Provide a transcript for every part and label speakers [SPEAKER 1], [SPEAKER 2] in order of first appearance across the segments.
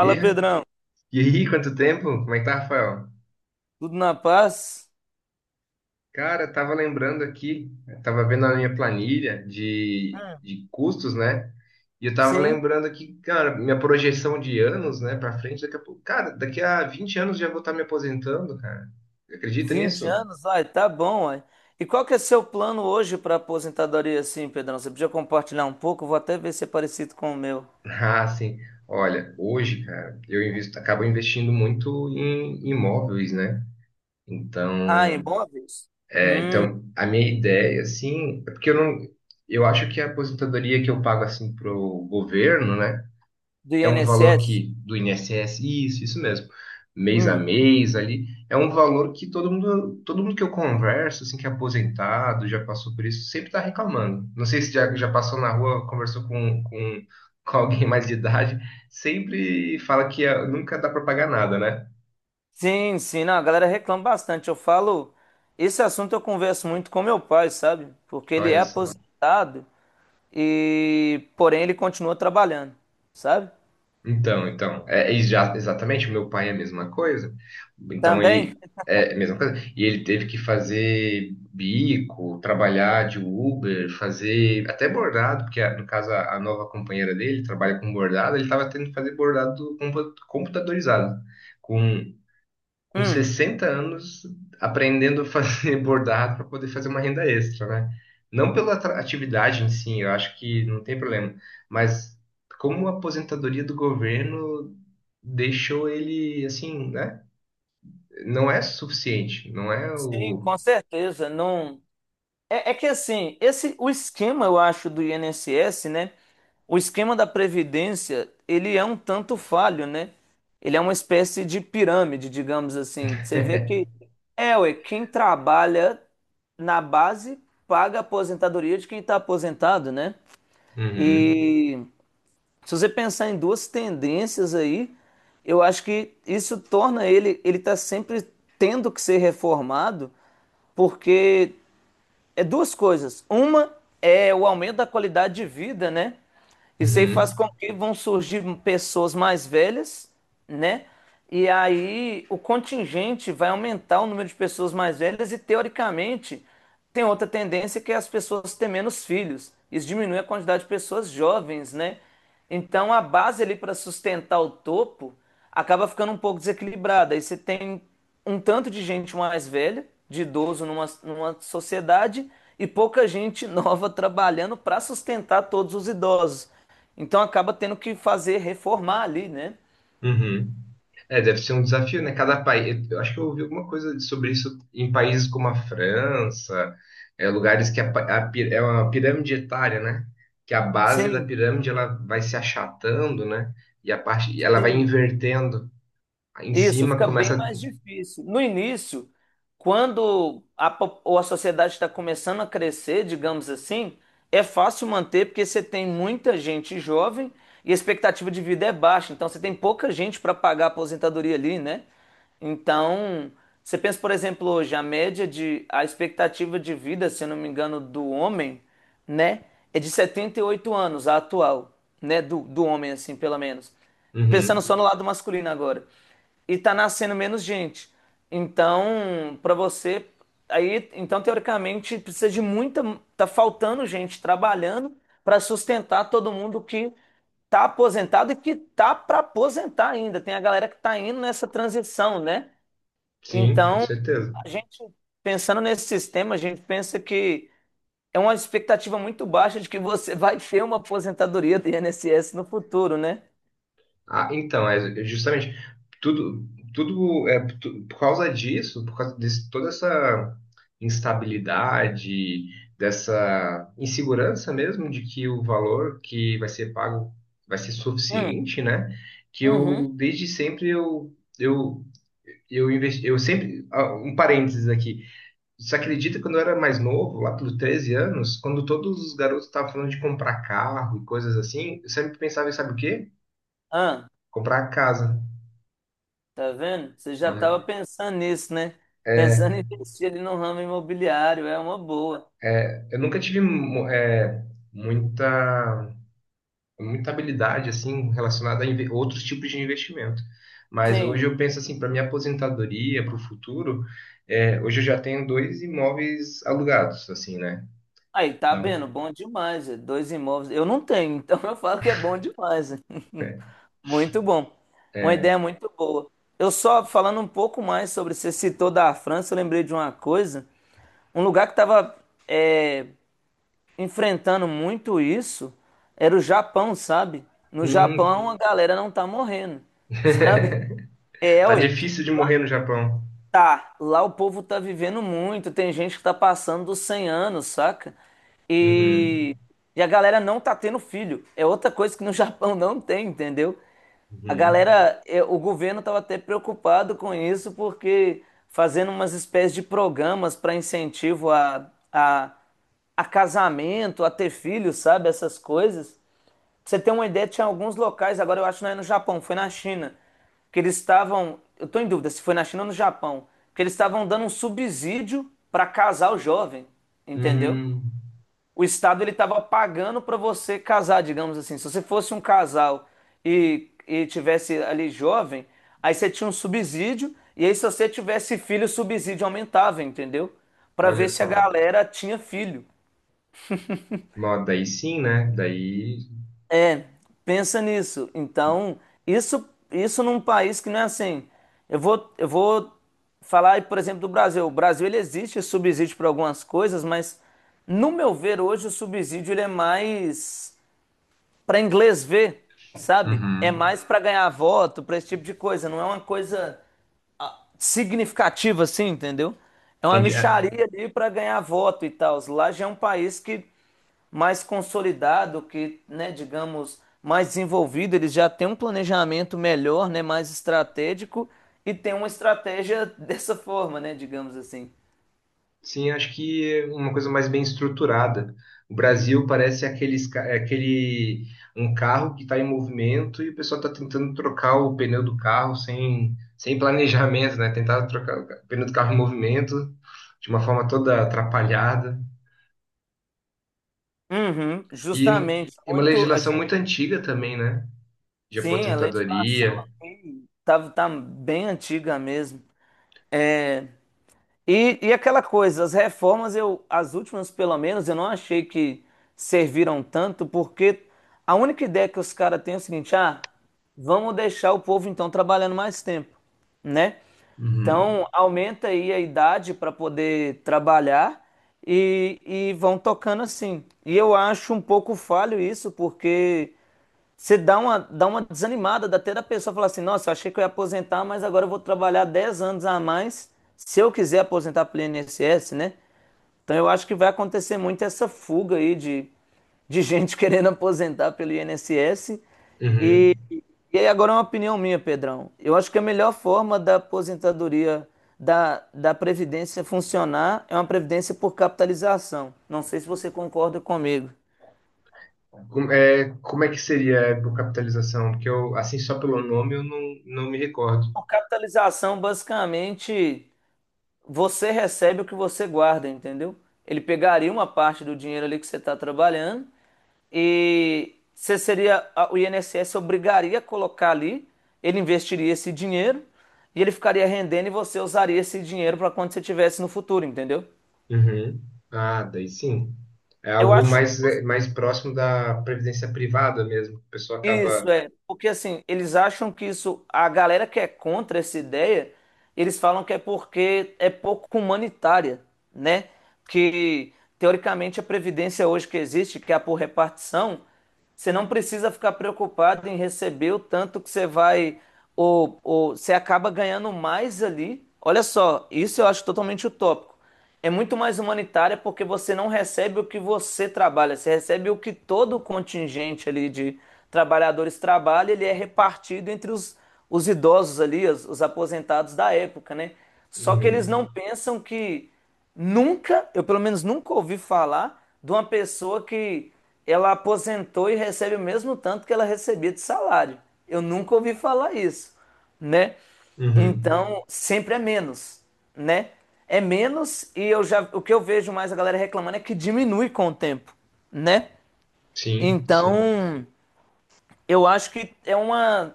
[SPEAKER 1] E,
[SPEAKER 2] Pedrão.
[SPEAKER 1] e aí, quanto tempo? Como é que tá, Rafael?
[SPEAKER 2] Tudo na paz?
[SPEAKER 1] Cara, eu tava lembrando aqui, eu tava vendo a minha planilha de,
[SPEAKER 2] É.
[SPEAKER 1] de custos, né? E eu tava
[SPEAKER 2] Sim.
[SPEAKER 1] lembrando aqui, cara, minha projeção de anos, né, pra frente, daqui a pouco. Cara, daqui a 20 anos já vou estar me aposentando, cara. Você Acredita nisso?
[SPEAKER 2] Vinte anos? Ai, tá bom, ai. E qual que é seu plano hoje para aposentadoria, assim, Pedrão? Você podia compartilhar um pouco? Eu vou até ver se é parecido com o meu.
[SPEAKER 1] Ah, sim. Olha, hoje, cara, eu invisto, acabo investindo muito em imóveis, né?
[SPEAKER 2] Ah, em
[SPEAKER 1] Então,
[SPEAKER 2] imóveis?
[SPEAKER 1] é,
[SPEAKER 2] Hum,
[SPEAKER 1] então, a minha ideia, assim, é porque eu não, eu acho que a aposentadoria que eu pago, assim, pro governo, né,
[SPEAKER 2] do
[SPEAKER 1] é um valor
[SPEAKER 2] INSS?
[SPEAKER 1] que, do INSS, isso, isso mesmo, mês a
[SPEAKER 2] Hum.
[SPEAKER 1] mês ali, é um valor que todo mundo que eu converso, assim, que é aposentado, já passou por isso, sempre tá reclamando. Não sei se já passou na rua, conversou com alguém mais de idade, sempre fala que ah, nunca dá pra pagar nada, né?
[SPEAKER 2] Sim, sim. Não, a galera reclama bastante. Eu falo... Esse assunto eu converso muito com meu pai, sabe? Porque ele é
[SPEAKER 1] Olha só.
[SPEAKER 2] aposentado e... Porém, ele continua trabalhando, sabe?
[SPEAKER 1] Então, exatamente, meu pai é a mesma coisa. Então
[SPEAKER 2] Também?
[SPEAKER 1] ele é a mesma coisa. E ele teve que fazer bico, trabalhar de Uber, fazer até bordado, porque no caso a nova companheira dele trabalha com bordado, ele estava tendo que fazer bordado computadorizado com
[SPEAKER 2] Hum.
[SPEAKER 1] 60 anos aprendendo a fazer bordado para poder fazer uma renda extra, né? Não pela atividade em si, eu acho que não tem problema, mas como a aposentadoria do governo deixou ele assim, né? Não é suficiente, não é
[SPEAKER 2] Sim,
[SPEAKER 1] o.
[SPEAKER 2] com certeza. Não é, é que assim, esse o esquema eu acho do INSS, né? O esquema da previdência, ele é um tanto falho, né? Ele é uma espécie de pirâmide, digamos assim. Você vê que é, ué, quem trabalha na base paga a aposentadoria de quem está aposentado, né?
[SPEAKER 1] Uhum,
[SPEAKER 2] E se você pensar em duas tendências aí, eu acho que isso torna ele tá sempre tendo que ser reformado, porque é duas coisas. Uma é o aumento da qualidade de vida, né? Isso aí faz
[SPEAKER 1] uhum,
[SPEAKER 2] com que vão surgir pessoas mais velhas, né? E aí o contingente vai aumentar o número de pessoas mais velhas e, teoricamente, tem outra tendência que é as pessoas terem menos filhos. Isso diminui a quantidade de pessoas jovens, né? Então a base ali para sustentar o topo acaba ficando um pouco desequilibrada. Aí você tem um tanto de gente mais velha, de idoso numa, numa sociedade e pouca gente nova trabalhando para sustentar todos os idosos. Então acaba tendo que fazer reformar ali, né?
[SPEAKER 1] uhum. É, deve ser um desafio, né? Cada país. Eu acho que eu ouvi alguma coisa sobre isso em países como a França, é, lugares que a, pa- a pi- é uma pirâmide etária, né? Que a base da
[SPEAKER 2] Sim,
[SPEAKER 1] pirâmide ela vai se achatando, né? E a parte, e ela vai
[SPEAKER 2] sim.
[SPEAKER 1] invertendo. Aí em
[SPEAKER 2] Isso
[SPEAKER 1] cima
[SPEAKER 2] fica bem
[SPEAKER 1] começa.
[SPEAKER 2] mais difícil. No início, quando a, po- ou a sociedade está começando a crescer, digamos assim, é fácil manter porque você tem muita gente jovem e a expectativa de vida é baixa, então você tem pouca gente para pagar a aposentadoria ali, né? Então, você pensa, por exemplo, hoje, a média de, a expectativa de vida, se eu não me engano, do homem, né, é de 78 anos, a atual, né, do, do homem, assim, pelo menos. Pensando
[SPEAKER 1] Uhum.
[SPEAKER 2] só no lado masculino agora e tá nascendo menos gente. Então, para você, aí, então teoricamente precisa de muita, tá faltando gente trabalhando para sustentar todo mundo que tá aposentado e que tá para aposentar ainda. Tem a galera que tá indo nessa transição, né?
[SPEAKER 1] Sim, com
[SPEAKER 2] Então,
[SPEAKER 1] certeza.
[SPEAKER 2] a gente pensando nesse sistema, a gente pensa que é uma expectativa muito baixa de que você vai ter uma aposentadoria do INSS no futuro, né?
[SPEAKER 1] Ah, então, é justamente tudo, por causa disso, por causa de toda essa instabilidade, dessa insegurança mesmo de que o valor que vai ser pago vai ser
[SPEAKER 2] Hum,
[SPEAKER 1] suficiente, né? Que
[SPEAKER 2] uhum.
[SPEAKER 1] eu desde sempre eu investi, eu sempre ah, um parênteses aqui. Você acredita que quando eu era mais novo, lá pelos 13 anos, quando todos os garotos estavam falando de comprar carro e coisas assim, eu sempre pensava em sabe o quê? Comprar casa.
[SPEAKER 2] Tá vendo? Você já estava
[SPEAKER 1] Olha,
[SPEAKER 2] pensando nisso, né? Pensando em
[SPEAKER 1] é,
[SPEAKER 2] investir ali no ramo imobiliário, é uma boa.
[SPEAKER 1] é, eu nunca tive muita, muita habilidade assim relacionada a outros tipos de investimento. Mas hoje
[SPEAKER 2] Sim.
[SPEAKER 1] eu penso assim, para minha aposentadoria, para o futuro, é, hoje eu já tenho dois imóveis alugados, assim, né?
[SPEAKER 2] Aí, tá
[SPEAKER 1] Então,
[SPEAKER 2] vendo? Bom demais. É. Dois imóveis. Eu não tenho, então eu falo que é bom demais. É.
[SPEAKER 1] é,
[SPEAKER 2] Muito bom. Uma
[SPEAKER 1] é,
[SPEAKER 2] ideia muito boa. Eu só falando um pouco mais sobre, você citou da França, eu lembrei de uma coisa. Um lugar que estava enfrentando muito isso era o Japão, sabe? No
[SPEAKER 1] hum,
[SPEAKER 2] Japão, a galera não tá morrendo, sabe? É,
[SPEAKER 1] tá
[SPEAKER 2] ué.
[SPEAKER 1] difícil de morrer no Japão.
[SPEAKER 2] Tá, lá o povo tá vivendo muito, tem gente que tá passando dos 100 anos, saca?
[SPEAKER 1] Uhum,
[SPEAKER 2] E, e a galera não tá tendo filho. É outra coisa que no Japão não tem, entendeu? A
[SPEAKER 1] uhum.
[SPEAKER 2] galera, é, o governo tava até preocupado com isso, porque fazendo umas espécies de programas para incentivo a casamento, a ter filho, sabe? Essas coisas. Pra você ter uma ideia, tinha alguns locais, agora eu acho que não é no Japão, foi na China, que eles estavam, eu tô em dúvida se foi na China ou no Japão, que eles estavam dando um subsídio para casar o jovem, entendeu?
[SPEAKER 1] Hum,
[SPEAKER 2] O Estado ele estava pagando para você casar, digamos assim. Se você fosse um casal e tivesse ali jovem, aí você tinha um subsídio, e aí se você tivesse filho, o subsídio aumentava, entendeu? Para
[SPEAKER 1] olha
[SPEAKER 2] ver se a
[SPEAKER 1] só.
[SPEAKER 2] galera tinha filho.
[SPEAKER 1] Bom, daí sim, né? Daí.
[SPEAKER 2] É, pensa nisso. Então, isso num país que não é assim. Eu vou falar, aí, por exemplo, do Brasil. O Brasil ele existe subsídio para algumas coisas, mas no meu ver hoje o subsídio ele é mais para inglês ver, sabe? É
[SPEAKER 1] Uhum.
[SPEAKER 2] mais para ganhar voto, para esse tipo de coisa. Não é uma coisa ah, significativa assim, entendeu? É uma
[SPEAKER 1] Entendi. É.
[SPEAKER 2] mixaria ali para ganhar voto e tal. Lá já é um país que mais consolidado, que, né, digamos, mais desenvolvido, eles já têm um planejamento melhor, né, mais estratégico e tem uma estratégia dessa forma, né, digamos assim.
[SPEAKER 1] Sim, acho que uma coisa mais bem estruturada. O Brasil parece aqueles, é aquele um carro que está em movimento e o pessoal está tentando trocar o pneu do carro sem planejamento, né? Tentar trocar o pneu do carro em movimento de uma forma toda atrapalhada.
[SPEAKER 2] Uhum,
[SPEAKER 1] E,
[SPEAKER 2] justamente,
[SPEAKER 1] e uma
[SPEAKER 2] muito a
[SPEAKER 1] legislação
[SPEAKER 2] gente.
[SPEAKER 1] muito antiga também, né? De
[SPEAKER 2] Sim, a legislação
[SPEAKER 1] aposentadoria.
[SPEAKER 2] aqui tá bem antiga mesmo. É, e aquela coisa, as reformas, eu, as últimas pelo menos, eu não achei que serviram tanto, porque a única ideia que os caras têm é o seguinte, ah, vamos deixar o povo então trabalhando mais tempo, né?
[SPEAKER 1] Uhum.
[SPEAKER 2] Então, aumenta aí a idade para poder trabalhar e vão tocando assim. E eu acho um pouco falho isso, porque você dá uma desanimada, dá até da pessoa falar assim: nossa, eu achei que eu ia aposentar, mas agora eu vou trabalhar 10 anos a mais se eu quiser aposentar pelo INSS, né? Então eu acho que vai acontecer muito essa fuga aí de gente querendo aposentar pelo INSS. E,
[SPEAKER 1] Uhum.
[SPEAKER 2] e aí agora é uma opinião minha, Pedrão. Eu acho que a melhor forma da aposentadoria, da, da Previdência funcionar é uma Previdência por capitalização. Não sei se você concorda comigo.
[SPEAKER 1] Como é que seria a capitalização? Porque eu, assim, só pelo nome, eu não, não me recordo.
[SPEAKER 2] Por capitalização, basicamente. Você recebe o que você guarda, entendeu? Ele pegaria uma parte do dinheiro ali que você está trabalhando e você seria, a- o INSS obrigaria a colocar ali, ele investiria esse dinheiro e ele ficaria rendendo e você usaria esse dinheiro para quando você tivesse no futuro, entendeu?
[SPEAKER 1] Uhum. Ah, daí sim. É
[SPEAKER 2] Eu
[SPEAKER 1] algo
[SPEAKER 2] acho.
[SPEAKER 1] mais, é, mais próximo da previdência privada mesmo. A pessoa
[SPEAKER 2] Isso
[SPEAKER 1] acaba.
[SPEAKER 2] é, porque assim, eles acham que isso, a galera que é contra essa ideia, eles falam que é porque é pouco humanitária, né? Que teoricamente a previdência hoje que existe, que é a por repartição, você não precisa ficar preocupado em receber o tanto que você vai, ou você acaba ganhando mais ali. Olha só, isso eu acho totalmente utópico. É muito mais humanitária porque você não recebe o que você trabalha, você recebe o que todo o contingente ali de trabalhadores trabalha, ele é repartido entre os idosos ali, os aposentados da época, né? Só que eles não
[SPEAKER 1] Uhum.
[SPEAKER 2] pensam que nunca, eu pelo menos nunca ouvi falar de uma pessoa que ela aposentou e recebe o mesmo tanto que ela recebia de salário. Eu nunca ouvi falar isso, né?
[SPEAKER 1] Uhum.
[SPEAKER 2] Então, sempre é menos, né? É menos e eu já, o que eu vejo mais a galera reclamando é que diminui com o tempo, né?
[SPEAKER 1] Sim, sim.
[SPEAKER 2] Então, eu acho que é uma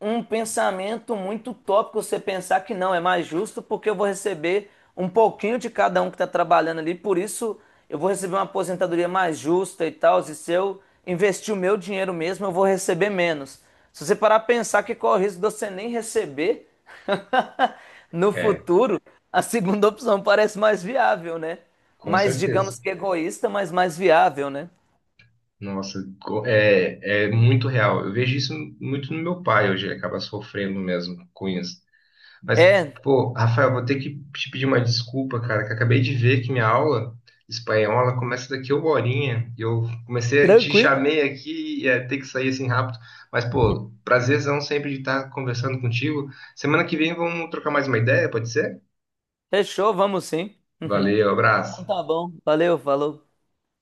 [SPEAKER 2] um pensamento muito utópico você pensar que não, é mais justo porque eu vou receber um pouquinho de cada um que está trabalhando ali, por isso eu vou receber uma aposentadoria mais justa e tal, e se eu investir o meu dinheiro mesmo, eu vou receber menos. Se você parar a pensar que corre o risco de você nem receber no
[SPEAKER 1] É,
[SPEAKER 2] futuro, a segunda opção parece mais viável, né?
[SPEAKER 1] com
[SPEAKER 2] Mais,
[SPEAKER 1] certeza.
[SPEAKER 2] digamos que egoísta, mas mais viável, né?
[SPEAKER 1] Nossa, é, é muito real. Eu vejo isso muito no meu pai hoje. Ele acaba sofrendo mesmo com isso. Mas,
[SPEAKER 2] É.
[SPEAKER 1] pô, Rafael, vou ter que te pedir uma desculpa, cara, que eu acabei de ver que minha aula espanhola começa daqui a uma horinha. E eu comecei, te
[SPEAKER 2] Tranquilo?
[SPEAKER 1] chamei aqui e ia ter que sair assim rápido. Mas, pô, prazerzão sempre de estar conversando contigo. Semana que vem vamos trocar mais uma ideia, pode ser?
[SPEAKER 2] Fechou, vamos sim.
[SPEAKER 1] Valeu,
[SPEAKER 2] Então
[SPEAKER 1] abraço.
[SPEAKER 2] tá bom, valeu, falou.